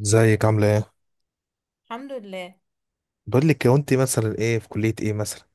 ازيك عاملة ايه؟ الحمد لله. بقول لك هو انت مثلا ايه في كلية ايه مثلا؟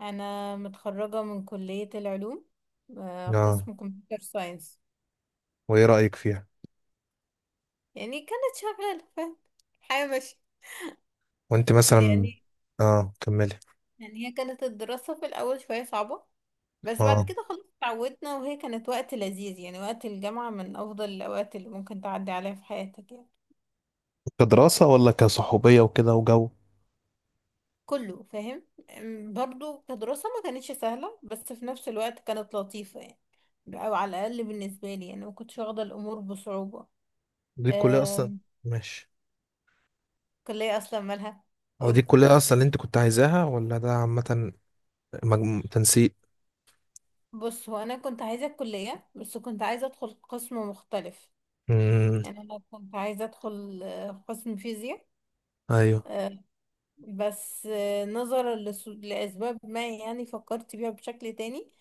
انا متخرجه من كليه العلوم، اه. قسم كمبيوتر ساينس. وايه رأيك فيها؟ يعني كانت شغاله، فاهم؟ حياه ماشيه وانت مثلا. يعني اه، كملي. يعني هي كانت الدراسه في الاول شويه صعبه، بس بعد اه. كده خلاص اتعودنا، وهي كانت وقت لذيذ. يعني وقت الجامعه من افضل الاوقات اللي ممكن تعدي عليها في حياتك يعني. كدراسة ولا كصحوبية وكده وجو؟ كله فاهم. برضو كدراسه ما كانتش سهله، بس في نفس الوقت كانت لطيفه يعني. او على الاقل بالنسبه لي، يعني ما كنتش واخده الامور بصعوبه. دي الكلية اصلا. ماشي. كلية اصلا مالها؟ هو دي قول بقى. الكلية اصلا اللي انت كنت عايزاها ولا ده عامة، مجمو... تنسيق؟ بص، هو انا كنت عايزة الكلية بس كنت عايزة ادخل قسم مختلف. امم يعني انا كنت عايزة ادخل قسم فيزياء. ايوه. آه، بس نظرا لاسباب ما، يعني فكرت فيها بشكل تاني.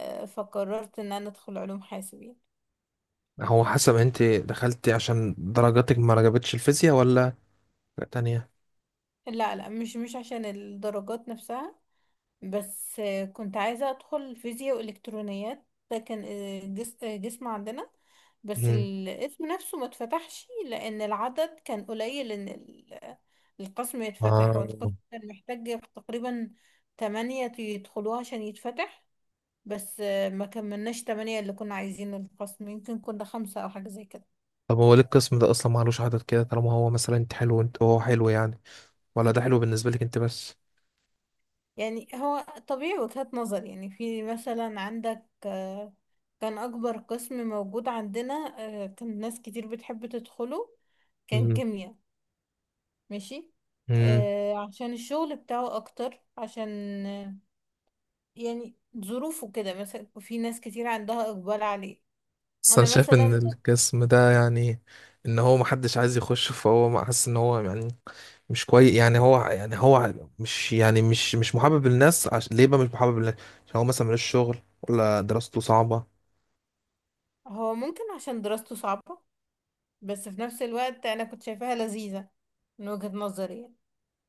فقررت ان انا ادخل علوم حاسبين. هو حسب انت دخلتي عشان درجاتك ما عجبتش الفيزياء ولا حاجة تانية؟ لا لا، مش عشان الدرجات نفسها. بس كنت عايزة أدخل فيزياء وإلكترونيات. ده كان قسم عندنا. بس امم الاسم نفسه ما اتفتحش لأن العدد كان قليل، إن القسم يتفتح، والقسم اه. كان محتاج تقريبا تمانية يدخلوه عشان يتفتح. بس ما كملناش تمانية. اللي كنا عايزين القسم يمكن كنا خمسة أو حاجة زي كده. طب هو ليه القسم ده اصلا معلوش عدد كده طالما هو مثلا انت حلو وانت هو حلو يعني، ولا ده حلو بالنسبة لك انت بس؟ يعني هو طبيعي، وجهات نظر. يعني في مثلا عندك، كان أكبر قسم موجود عندنا. كان ناس كتير بتحب تدخله، كان امم كيمياء. ماشي. امم عشان الشغل بتاعه أكتر، عشان آه، يعني ظروفه كده، مثلا في ناس كتير عندها إقبال عليه. بس أنا انا شايف مثلا. ان القسم ده يعني ان هو محدش عايز يخش، فهو حاسس ان هو يعني مش كويس، يعني هو يعني هو مش يعني مش محبب للناس، ليه بقى مش محبب للناس؟ عشان هو مثلا ملوش شغل ولا دراسته صعبة. هو ممكن عشان دراسته صعبة، بس في نفس الوقت أنا كنت شايفاها لذيذة من وجهة نظري يعني.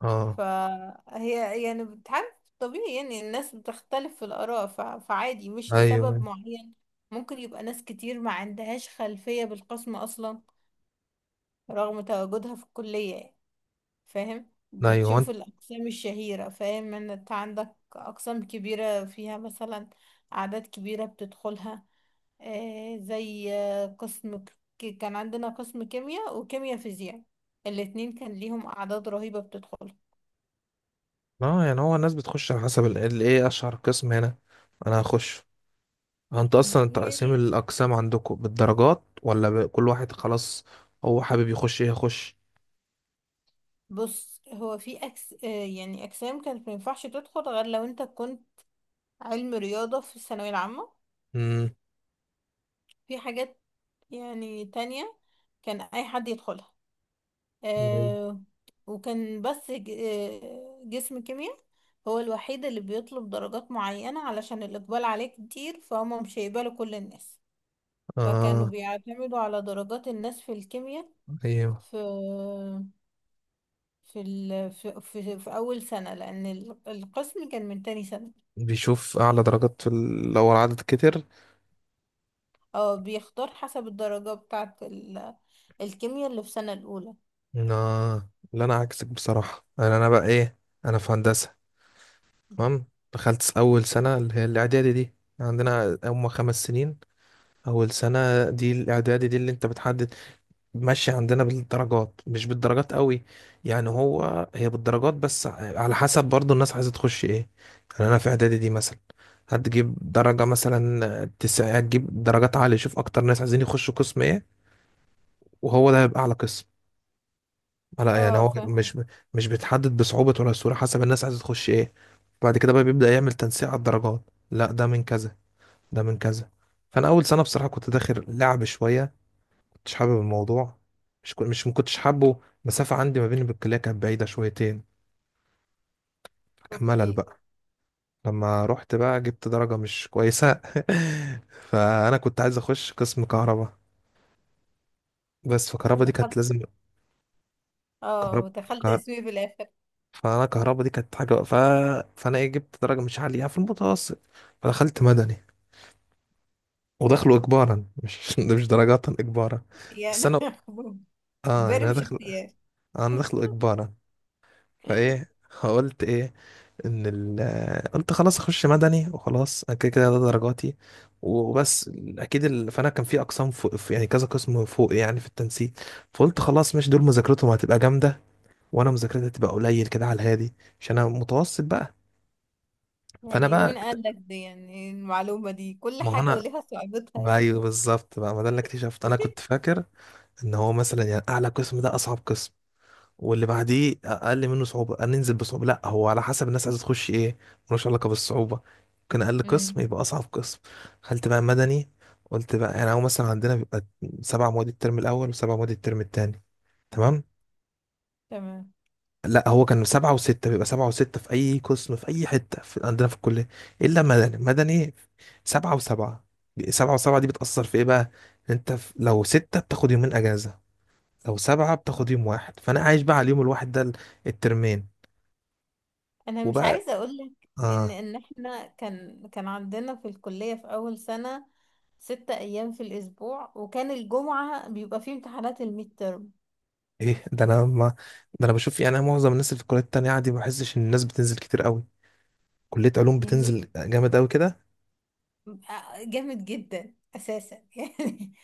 اه. فهي يعني بتعرف. طبيعي يعني الناس بتختلف في الآراء، فعادي مش لسبب ايوه، معين. ممكن يبقى ناس كتير ما عندهاش خلفية بالقسم أصلا، رغم تواجدها في الكلية يعني. فاهم؟ ايوه. هو بتشوف انت. الأقسام الشهيرة، فاهم إن أنت عندك أقسام كبيرة فيها مثلا أعداد كبيرة بتدخلها. آه زي قسم كان عندنا قسم كيمياء وكيمياء فيزياء، الاتنين كان ليهم أعداد رهيبة بتدخلها. اه، يعني هو الناس بتخش على حسب ايه اشهر قسم هنا. انا هخش. هو انت اصلا تقسيم يعني الاقسام عندكم بالدرجات، ولا ب... كل واحد خلاص هو حابب يخش ايه يخش؟ بص، هو في أكس يعني أجسام كانت مينفعش تدخل غير لو أنت كنت علم رياضة في الثانوية العامة. في حاجات يعني تانية كان أي حد يدخلها. أيوة. آه وكان بس جسم كيمياء هو الوحيد اللي بيطلب درجات معينة علشان الإقبال عليه كتير، فهم مش هيقبلوا كل الناس. فكانوا اه. بيعتمدوا على درجات الناس في الكيمياء ايوه. في في أول سنة، لأن القسم كان من تاني سنة. بيشوف اعلى درجات في لو العدد كتر. اه، بيختار حسب الدرجة بتاعة الكيمياء اللي في سنة الأولى. آه. لا انا عكسك بصراحه، انا بقى ايه، انا في هندسه. تمام. دخلت اول سنه اللي هي الاعدادي دي. عندنا هم 5 سنين. اول سنه دي الاعدادي دي اللي انت بتحدد ماشي. عندنا بالدرجات مش بالدرجات قوي، يعني هو هي بالدرجات بس على حسب برضو الناس عايزة تخش ايه. يعني انا في اعدادي دي مثلا، هتجيب درجة مثلا 9، هتجيب درجات عالية، شوف اكتر ناس عايزين يخشوا قسم ايه، وهو ده هيبقى اعلى قسم. لا يعني اه، هو فاهم. مش، مش بيتحدد بصعوبة ولا سهولة، حسب الناس عايزة تخش ايه. بعد كده بقى بيبدأ يعمل تنسيق على الدرجات، لا ده من كذا، ده من كذا. فانا اول سنة بصراحة كنت داخل لعب شوية، مش حابب الموضوع. مش، ما كنتش حابه المسافة، عندي ما بيني بالكلية كانت بعيدة شويتين، فكان ملل اوكي. بقى. لما رحت بقى جبت درجة مش كويسة فأنا كنت عايز أخش قسم كهرباء، بس فكهرباء دي كانت ودخلت. لازم اه كهرباء دخلت كهر... اسمي في الآخر. فأنا كهرباء دي كانت حاجة فأنا إيه جبت درجة مش عالية في المتوسط، فدخلت مدني ودخله إجبارا، مش ده مش درجات، إجبارا. بس يعني أنا، آه يعني امبارح أنا مش داخل، اختيار. أنا داخله إجبارا. فإيه، قلت إيه، قلت خلاص اخش مدني وخلاص، انا كده كده ده درجاتي وبس. فانا كان في اقسام فوق يعني كذا قسم فوق يعني في التنسيق. فقلت خلاص مش دول مذاكرتهم هتبقى جامده، وانا مذاكرتي هتبقى قليل كده على الهادي عشان انا متوسط بقى. فانا يعني بقى مين اكت- قال لك دي؟ يعني المعلومة دي، كل ما هو حاجة انا، وليها صعوبتها يعني. ايوه بالظبط بقى. ما ده اللي اكتشفت، انا كنت فاكر ان هو مثلا يعني اعلى قسم ده اصعب قسم واللي بعديه اقل منه صعوبه، قال ننزل بصعوبه، لا هو على حسب الناس عايزه تخش ايه، ملوش علاقه بالصعوبه. ممكن اقل امم قسم يبقى اصعب قسم. دخلت بقى مدني، قلت بقى يعني هو مثلا عندنا بيبقى 7 مواد الترم الاول وسبع مواد الترم التاني. تمام. تمام. لا هو كان 7 و6، بيبقى 7 و6 في أي قسم في أي حتة في عندنا في الكلية، إلا مدني. مدني 7 و7. سبعة وسبعة دي بتأثر في إيه بقى؟ إن أنت لو ستة بتاخد يومين أجازة، لو سبعة بتاخد أوكي. يوم واحد. فأنا عايش بقى على اليوم الواحد ده الترمين. انا مش وبقى عايزة اقول لك ان اه. ان احنا كان عندنا في الكلية، في اول سنة 6 ايام في الاسبوع، وكان الجمعة بيبقى فيه امتحانات الميد ترم. ايه ده، انا ما... ده انا بشوف يعني معظم الناس اللي في الكليات التانية عادي، ما بحسش ان الناس بتنزل كتير قوي. كلية علوم يعني بتنزل جامد قوي كده. جامد جدا اساسا يعني.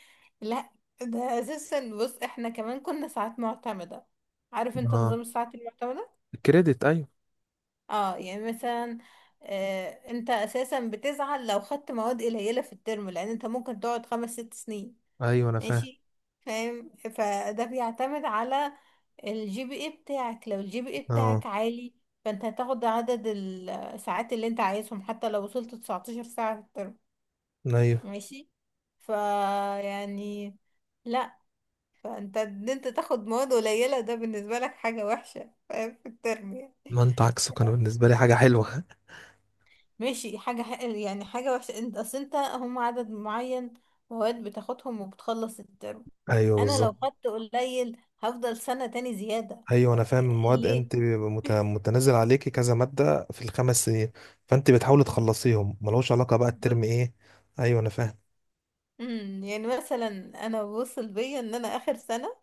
لا، ده اساسا بص احنا كمان كنا ساعات معتمدة. عارف انت اه. نظام الساعات المعتمدة؟ الكريدت، ايوه. اه. يعني مثلا انت اساسا بتزعل لو خدت مواد قليلة في الترم، لان انت ممكن تقعد خمس ست سنين. ايوه انا فاهم. ماشي. فاهم. فده بيعتمد على الجي بي اي بتاعك. لو الجي بي اي اه. بتاعك عالي، فانت هتاخد عدد الساعات اللي انت عايزهم حتى لو وصلت 19 ساعة في الترم. ايوه. ماشي. فا يعني. لا. فانت، ان انت تاخد مواد قليلة ده بالنسبة لك حاجة وحشة، فاهم؟ في الترم يعني. ما انت عكسه، كان بالنسبة لي حاجة حلوة. ماشي، حاجة يعني حاجة وحشة. انت اصل انت هم عدد معين مواد بتاخدهم وبتخلص الترم. ايوه انا لو بالظبط. خدت قليل هفضل سنة تاني زيادة. ايوه انا فاهم. يعني المواد ليه؟ انت بيبقى متنازل عليكي كذا مادة في الخمس سنين، فانت بتحاولي تخلصيهم ملوش علاقة بقى الترم بالظبط. ايه. ايوه انا فاهم. يعني مثلا انا وصل بيا ان انا اخر سنة،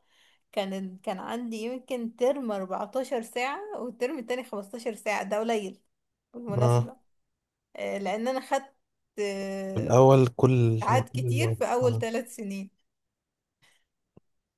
كان عندي يمكن ترم 14 ساعة والترم التاني 15 ساعة، ده قليل اه. بالمناسبة. لأن أنا خدت في آه، الاول كل ساعات هيكون كتير المواد. في أول اه. 3 سنين.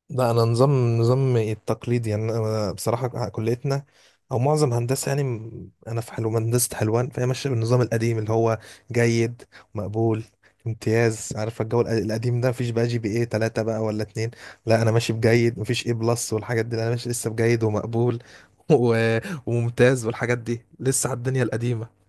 لا انا نظام التقليدي يعني، انا بصراحه كليتنا او معظم هندسه يعني، انا في حلو هندسه حلوان، فهي ماشيه بالنظام القديم اللي هو جيد، مقبول، امتياز. عارف الجو القديم ده، مفيش بقى جي بي ايه 3 بقى ولا 2. لا انا ماشي بجيد، مفيش ايه بلس والحاجات دي، لا، انا ماشي لسه بجيد ومقبول و... وممتاز والحاجات دي، لسه على الدنيا القديمه.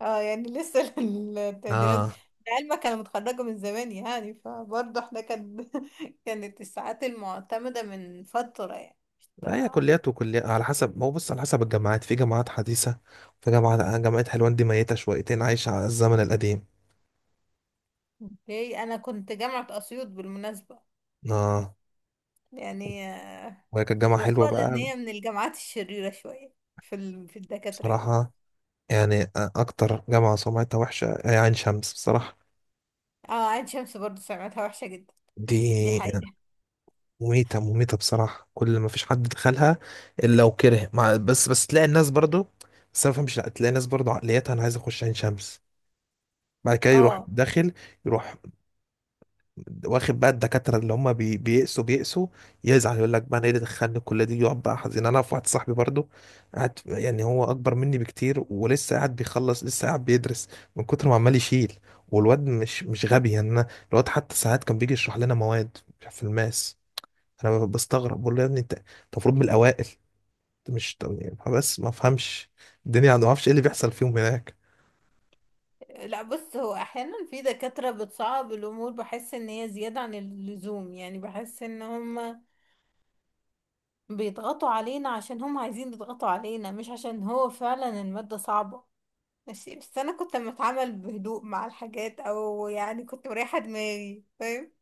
اه، يعني لسه التقديرات. اه. لعلمك أنا متخرجة من زمان يعني، فبرضه احنا كانت الساعات المعتمدة من فترة يعني هي بتاع- كليات وكليات على حسب، ما هو بص على حسب الجامعات، في جامعات حديثة، في جامعة حلوان دي ميتة شويتين، عايشة على الزمن القديم. اوكي. أنا كنت جامعة أسيوط بالمناسبة. اه. يعني وهي كانت جامعة حلوة يقال إن بقى، هي من الجامعات الشريرة شوية في الدكاترة يعني. بصراحة. يعني أكتر جامعة سمعتها وحشة هي عين شمس بصراحة. اه، عين شمس برضه سمعتها وحشة جدا، دي دي حقيقة. مميتة مميتة بصراحة، كل ما فيش حد دخلها إلا لو كره، مع بس تلاقي الناس برضو. بس أنا ما بفهمش، لا تلاقي الناس برضو عقليتها أنا عايز أخش عين شمس، بعد كده يروح اه. داخل، يروح واخد بقى الدكاترة اللي هم بيقسوا بيقسوا، يزعل يقول لك بقى انا ايه اللي دخلني الكلية دي، يقعد بقى حزين. انا في واحد صاحبي برضو قاعد، يعني هو اكبر مني بكتير ولسه قاعد بيخلص، لسه قاعد بيدرس من كتر ما عمال يشيل. والواد مش غبي يعني، أنا الواد حتى ساعات كان بيجي يشرح لنا مواد في الماس، انا بستغرب بقول له يا ابني أنت المفروض من الاوائل، أنت مش، طب يعني، بس ما افهمش الدنيا عنده، ما اعرفش ايه اللي بيحصل فيهم هناك. لا، بص هو احيانا في دكاترة بتصعب الامور، بحس ان هي زيادة عن اللزوم. يعني بحس ان هم بيضغطوا علينا عشان هم عايزين يضغطوا علينا، مش عشان هو فعلا المادة صعبة. ماشي. بس انا كنت لما اتعامل بهدوء مع الحاجات، او يعني كنت مريحة دماغي، فاهم؟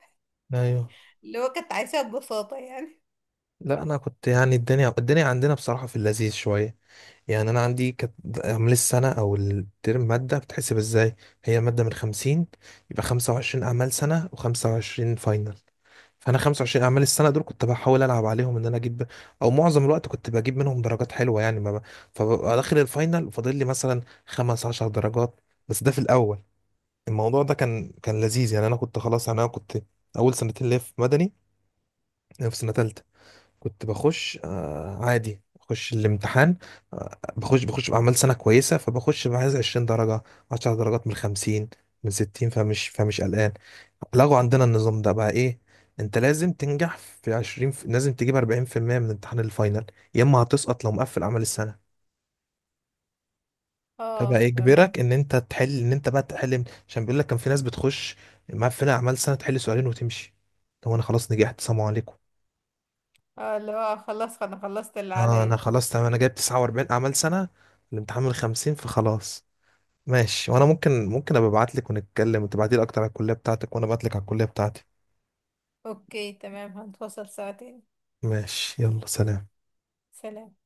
ايوه. اللي هو كنت عايشة ببساطة يعني. لا انا كنت يعني الدنيا عندنا بصراحة في اللذيذ شوية، يعني انا عندي كانت عمل السنه او الترم ماده بتحسب ازاي، هي الماده من 50، يبقى 25 اعمال سنه و25 فاينل. فانا 25 اعمال السنه دول كنت بحاول العب عليهم ان انا اجيب، او معظم الوقت كنت بجيب منهم درجات حلوه يعني ما ب... فببقى داخل الفاينل وفاضل لي مثلا 5 10 درجات، بس ده في الاول. الموضوع ده كان لذيذ يعني، انا كنت خلاص يعني انا كنت اول سنتين ليا في مدني في سنه ثالثه. كنت بخش عادي بخش الامتحان. بخش بعمل سنة كويسة، فبخش بعايز 20 درجة، 10 درجات من 50، من 60، فمش قلقان. لغوا عندنا النظام ده بقى، ايه، انت لازم تنجح في 20 لازم تجيب 40% من امتحان الفاينل، يا اما هتسقط لو مقفل اعمال السنة. فبقى اه، يجبرك فاهم. ان انت تحل، ان انت بقى تحل، عشان بيقول لك كان في ناس بتخش مقفلة اعمال سنة، تحل سؤالين وتمشي. هو انا خلاص نجحت، سلام عليكم. اه، اللي هو خلاص انا خلصت اللي اه انا عليا. خلاص تمام، انا جايب 49 اعمال سنه، الامتحان من 50، فخلاص. ماشي، وانا ممكن ابقى ابعت لك ونتكلم وتبعتي لي اكتر على الكليه بتاعتك، وانا ابعت لك على الكليه بتاعتي. اوكي تمام، هنتواصل سوا تاني. ماشي، يلا سلام. سلام.